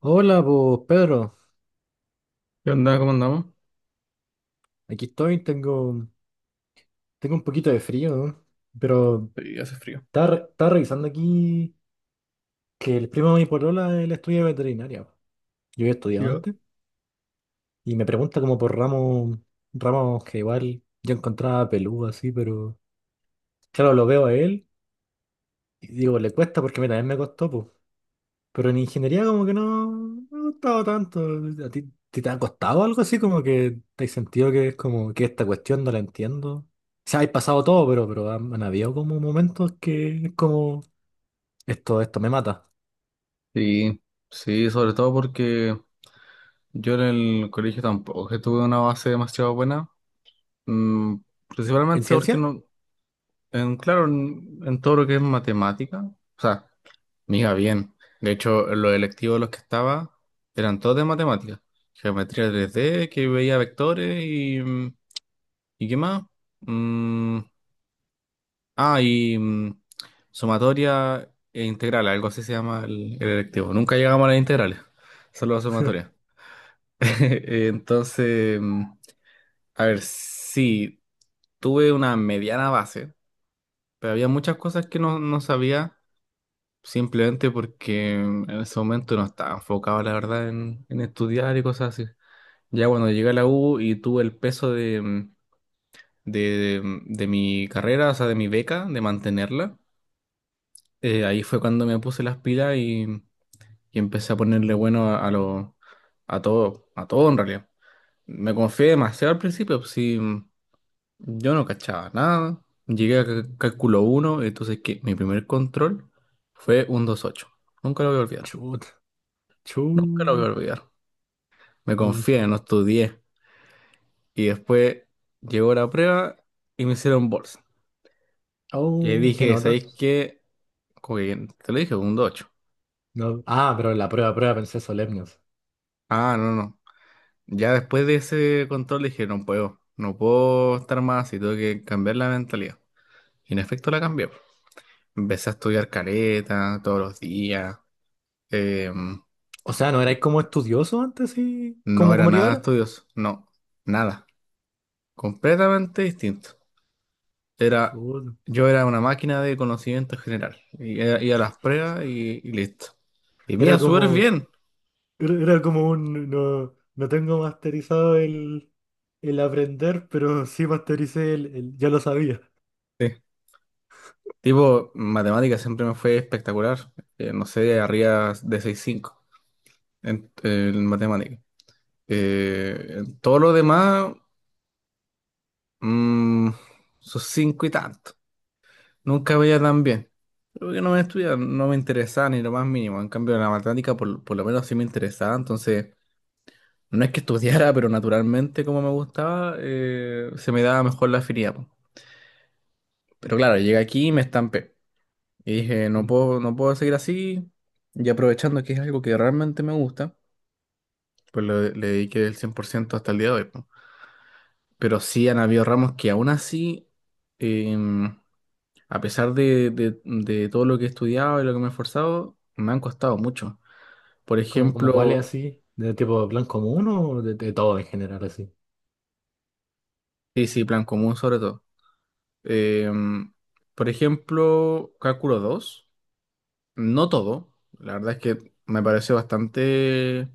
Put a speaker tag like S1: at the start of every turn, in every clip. S1: Hola, pues Pedro,
S2: ¿Qué onda? ¿Cómo andamos?
S1: aquí estoy, tengo un poquito de frío, ¿no? Pero
S2: Y hace frío.
S1: estaba revisando aquí que el primo de mi polola él estudia veterinaria, po. Yo había estudiado
S2: Yo.
S1: antes y me pregunta como por ramos, ramos que igual yo encontraba peludo así, pero claro, lo veo a él y digo, le cuesta porque a mí también me costó. Pero en ingeniería como que no me gustaba tanto. ¿A ti te ha costado algo así? Como que te has sentido que es como que esta cuestión no la entiendo. O sea, hay pasado todo, pero han, han habido como momentos que es como esto me mata.
S2: Sí, sí, sobre todo porque yo en el colegio tampoco que tuve una base demasiado buena, mm,
S1: ¿En
S2: principalmente porque
S1: ciencia?
S2: no, en, claro, en todo lo que es matemática, o sea, me iba bien. De hecho, en los electivos en los que estaba eran todos de matemática, geometría 3D, que veía vectores y, ¿y qué más? mm, Ah, y sumatoria e integral, algo así se llama el electivo. Nunca llegamos a las integrales, solo a sumatoria. Entonces, a ver, sí, tuve una mediana base, pero había muchas cosas que no, no sabía, simplemente porque en ese momento no estaba enfocado, la verdad, en estudiar y cosas así. Ya cuando llegué a la U y tuve el peso de mi carrera, o sea, de mi beca, de mantenerla. Ahí fue cuando me puse las pilas y, empecé a ponerle bueno a todo en realidad. Me confié demasiado al principio, pues, sí, yo no cachaba nada. Llegué a cálculo uno. Entonces que mi primer control fue un 2.8. Nunca lo voy a olvidar.
S1: Chut,
S2: Nunca lo voy a
S1: chut.
S2: olvidar. Me
S1: Mm.
S2: confié, no estudié. Y después llegó la prueba y me hicieron bolsa. Y ahí
S1: Oh, qué
S2: dije,
S1: nota.
S2: ¿sabéis qué? Como que te lo dije, un 2.8.
S1: No. Ah, pero en la prueba pensé solemnes.
S2: Ah, no, no. Ya después de ese control dije, no puedo, no puedo estar más así, tengo que cambiar la mentalidad. Y en efecto la cambié. Po. Empecé a estudiar careta todos los días. eh,
S1: O sea, ¿no erais como estudioso antes y
S2: no
S1: como,
S2: era
S1: como eres
S2: nada
S1: ahora?
S2: estudioso, no, nada. Completamente distinto. Era,
S1: Chut.
S2: yo era una máquina de conocimiento general. Y iba a las pruebas y listo. Y me iba
S1: Era
S2: súper
S1: como.
S2: bien.
S1: Era como un, no, no tengo masterizado el aprender, pero sí mastericé ya lo sabía.
S2: Sí. Tipo, matemáticas siempre me fue espectacular. No sé, arriba de 6.5 en, matemáticas. En todo lo demás, mm, sus cinco y tanto. Nunca veía tan bien. Creo que no me estudiaba, no me interesaba ni lo más mínimo. En cambio, la matemática por lo menos sí me interesaba. Entonces, no es que estudiara, pero naturalmente como me gustaba, se me daba mejor la afinidad. Po. Pero claro, llegué aquí y me estampé. Y dije, no
S1: Mm.
S2: puedo, no puedo seguir así. Y aprovechando que es algo que realmente me gusta, pues le dediqué el 100% hasta el día de hoy. Po. Pero sí han habido ramos que aún así, em, a pesar de todo lo que he estudiado y lo que me he esforzado, me han costado mucho. Por
S1: ¿Como cómo cuál
S2: ejemplo,
S1: es así? ¿De tipo plan común o de todo en general así?
S2: sí, sí, plan común sobre todo. Em, por ejemplo, cálculo 2 no todo. La verdad es que me pareció bastante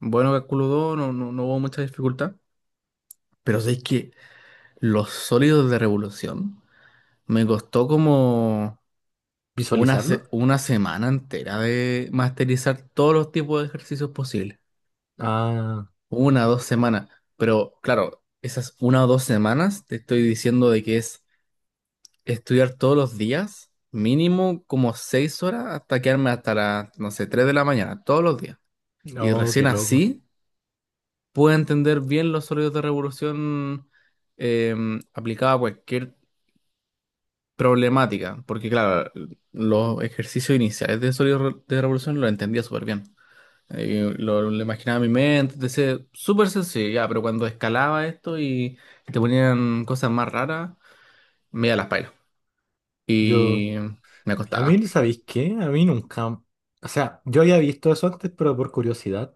S2: bueno cálculo 2 no, no, no hubo mucha dificultad. Pero sé que los sólidos de revolución me costó como
S1: ¿Visualizarlo?
S2: una semana entera de masterizar todos los tipos de ejercicios posibles.
S1: Ah,
S2: Una o dos semanas. Pero claro, esas una o dos semanas te estoy diciendo de que es estudiar todos los días, mínimo como 6 horas hasta quedarme hasta las, no sé, 3 de la mañana, todos los días. Y
S1: oh,
S2: recién
S1: qué loco.
S2: así puedo entender bien los sólidos de revolución eh, aplicada a cualquier problemática. Porque claro, los ejercicios iniciales de sólidos de revolución los entendía súper bien. Lo imaginaba en mi mente, decía, súper sencillo, ya, pero cuando escalaba esto y, te ponían cosas más raras, me iba a las pailas.
S1: Yo,
S2: Y me
S1: a mí,
S2: acostaba.
S1: ¿sabéis qué? A mí nunca, o sea, yo había visto eso antes, pero por curiosidad.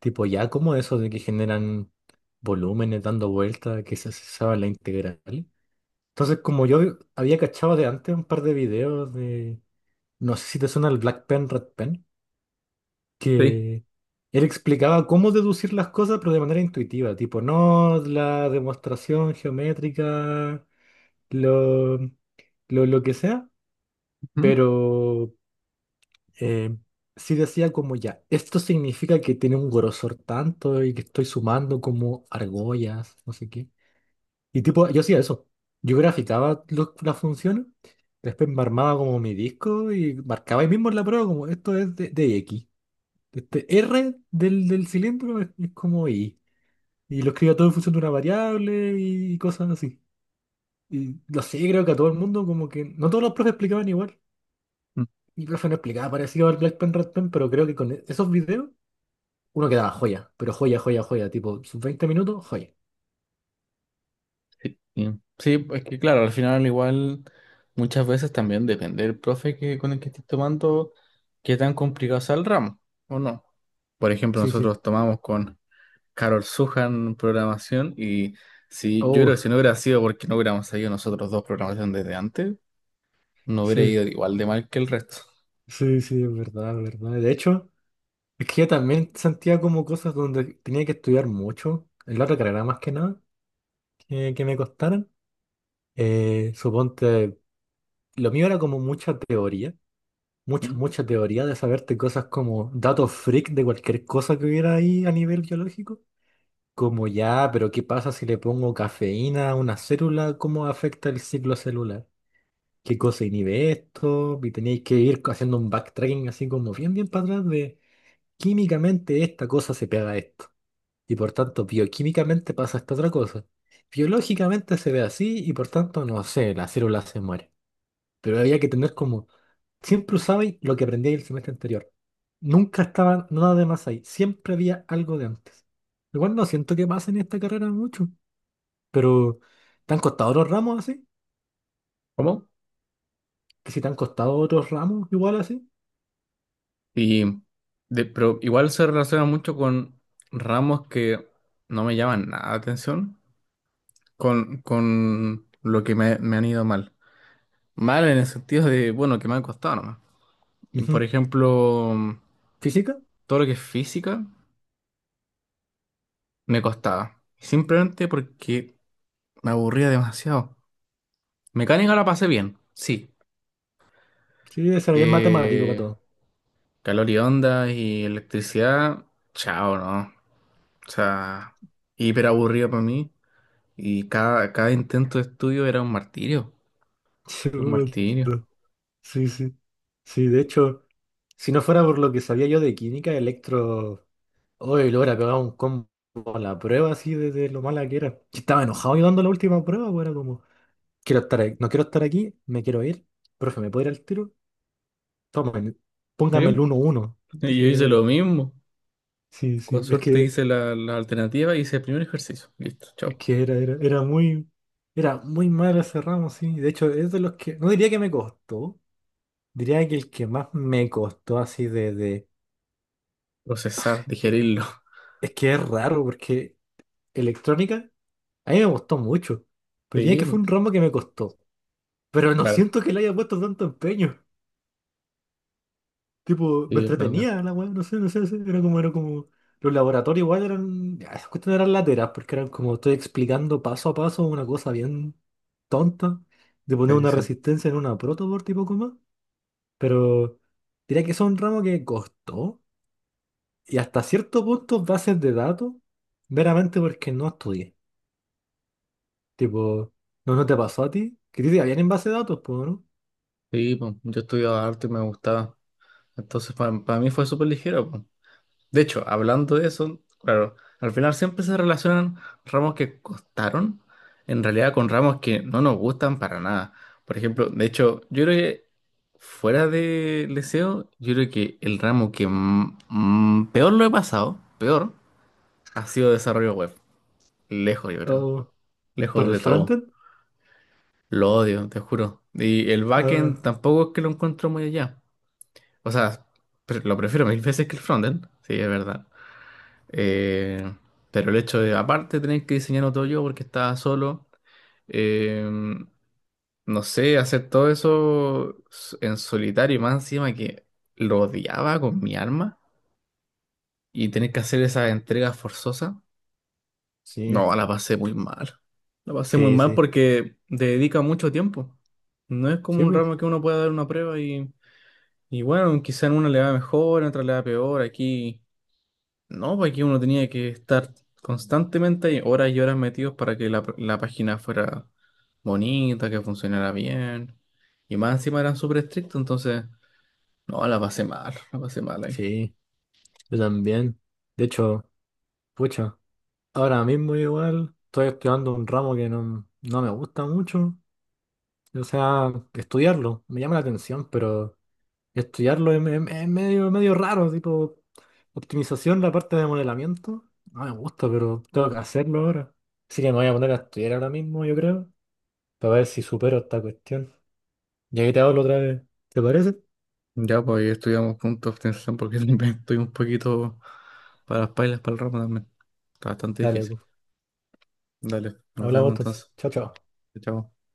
S1: Tipo, ya como eso de que generan volúmenes dando vueltas, que se sabe la integral. Entonces, como yo había cachado de antes un par de videos de, no sé si te suena el Black Pen, Red Pen,
S2: Sí.
S1: que él explicaba cómo deducir las cosas, pero de manera intuitiva, tipo, no la demostración geométrica, lo que sea,
S2: Ujú.
S1: pero eh, sí decía como ya, esto significa que tiene un grosor tanto y que estoy sumando como argollas, no sé qué. Y tipo, yo hacía eso. Yo graficaba las funciones, después me armaba como mi disco y marcaba ahí mismo en la prueba como esto es de X. Este R del cilindro es como Y. Y lo escribía todo en función de una variable y cosas así. Y lo sé, creo que a todo el mundo como que... No todos los profes explicaban igual.
S2: Mm,
S1: Mi profe no explicaba parecido al Black Pen, Red Pen, pero creo que con esos videos uno quedaba joya. Pero joya, joya, joya. Tipo, sus 20 minutos, joya.
S2: sí, sí. Sí, es que claro, al final igual muchas veces también depende del profe con el que estés tomando, qué tan complicado sea el ramo o no. Por ejemplo,
S1: Sí, sí.
S2: nosotros tomamos con Carol Sujan programación y si yo creo
S1: Oh,
S2: que si no hubiera sido porque no hubiéramos seguido nosotros dos programación desde antes, no hubiera
S1: sí.
S2: ido igual de mal que el resto.
S1: Sí, sí, es verdad, es verdad. De hecho... Es que yo también sentía como cosas donde tenía que estudiar mucho, en la otra carrera más que nada, que me costaran. Suponte, lo mío era como mucha teoría,
S2: ¿Mm?
S1: mucha teoría de saberte cosas como datos freak de cualquier cosa que hubiera ahí a nivel biológico. Como ya, pero ¿qué pasa si le pongo cafeína a una célula? ¿Cómo afecta el ciclo celular? ¿Qué cosa inhibe esto? Y tenéis que ir haciendo un backtracking así como bien para atrás de químicamente esta cosa se pega a esto, y por tanto bioquímicamente pasa esta otra cosa. Biológicamente se ve así y por tanto, no sé, la célula se muere. Pero había que tener como, siempre usabais lo que aprendí el semestre anterior. Nunca estaba nada de más ahí, siempre había algo de antes. Igual no siento que pase en esta carrera mucho, pero ¿te han costado otros ramos así?
S2: ¿Cómo?
S1: ¿Que si te han costado otros ramos igual así?
S2: Y pero igual se relaciona mucho con ramos que no me llaman nada la atención, con lo que me han ido mal. Mal en el sentido de, bueno, que me han costado nomás. Por
S1: Ujú.
S2: ejemplo,
S1: ¿Física?
S2: todo lo que es física me costaba. Simplemente porque me aburría demasiado. Mecánica la pasé bien, sí.
S1: Sí, ese es matemático para
S2: Eh,
S1: todo.
S2: calor y onda y electricidad, chao, ¿no? O sea, hiper aburrido para mí. Y cada intento de estudio era un martirio. Un martirio.
S1: Chuta. Sí, sí. Sí, de hecho... Si no fuera por lo que sabía yo de química, Electro, hoy lo hubiera pegado un combo en la prueba así de lo mala que era. Yo estaba enojado llevando la última prueba, pues era como, no quiero estar aquí, me quiero ir. Profe, ¿me puedo ir al tiro? Tomen, póngame el
S2: ¿Sí?
S1: uno 1,
S2: Y
S1: deje
S2: yo
S1: que me
S2: hice
S1: vaya.
S2: lo mismo.
S1: Sí,
S2: Con
S1: sí,
S2: suerte hice la alternativa y hice el primer ejercicio. Listo,
S1: es
S2: chao.
S1: que era muy mal ese ramo, sí. De hecho, es de los que, no diría que me costó, diría que el que más me costó así
S2: Procesar,
S1: eh,
S2: digerirlo.
S1: es que es raro porque electrónica. A mí me gustó mucho, pero diría
S2: Sí,
S1: que
S2: po.
S1: fue un ramo que me costó. Pero no
S2: Claro.
S1: siento que le haya puesto tanto empeño. Tipo, me
S2: Sí, es verdad.
S1: entretenía la weá, no sé, era como. Los laboratorios igual eran. Ya, esas cuestiones eran lateras, porque eran como estoy explicando paso a paso una cosa bien tonta, de poner
S2: Sí,
S1: una
S2: sí.
S1: resistencia en una protoboard tipo coma. Pero diría que eso es un ramo que costó, y hasta cierto punto bases de datos, meramente porque no estudié. Tipo, no te pasó a ti? Que a ti te habían en base de datos, pues, ¿no?
S2: Sí, po. Yo estudiaba arte y me gustaba. Entonces, para mí fue súper ligero. Po. De hecho, hablando de eso, claro, al final siempre se relacionan ramos que costaron, en realidad con ramos que no nos gustan para nada. Por ejemplo, de hecho, yo creo que fuera de Leseo, yo creo que el ramo que peor lo he pasado, peor, ha sido desarrollo web. Lejos, yo creo.
S1: Oh, ¿para
S2: Lejos
S1: el
S2: de todo.
S1: frontend?
S2: Lo odio, te juro. Y el backend
S1: Ah,
S2: tampoco es que lo encuentro muy allá. O sea, lo prefiero mil veces que el frontend, sí, es verdad. Eh, pero el hecho de, aparte, tener que diseñarlo todo yo porque estaba solo, eh, no sé, hacer todo eso en solitario y más encima que lo odiaba con mi alma y tener que hacer esas entregas forzosas,
S1: sí,
S2: no, la pasé muy mal. La pasé muy
S1: sí,
S2: mal
S1: sí.
S2: porque te dedica mucho tiempo. No es como
S1: Sí,
S2: un
S1: po.
S2: ramo que uno pueda dar una prueba y, bueno, quizá en una le va mejor, en otra le va peor. Aquí. No, porque uno tenía que estar constantemente ahí, horas y horas metidos para que la página fuera bonita, que funcionara bien. Y más encima eran súper estrictos, entonces, no, la pasé mal ahí.
S1: Sí, yo también. De hecho, pucha, ahora mismo igual estoy estudiando un ramo que no me gusta mucho. O sea, estudiarlo me llama la atención, pero estudiarlo es medio, medio raro, tipo optimización, la parte de modelamiento. No me gusta, pero tengo que hacerlo ahora. Así que me voy a poner a estudiar ahora mismo, yo creo, para ver si supero esta cuestión. Y ahí te hablo otra vez. ¿Te parece?
S2: Ya, pues ahí estudiamos puntos de obtención porque también estoy un poquito para las pailas, para el ramo también. Está bastante
S1: Dale,
S2: difícil.
S1: pues.
S2: Dale, nos
S1: Hablamos
S2: vemos
S1: entonces.
S2: entonces.
S1: Chao, chao.
S2: Chao.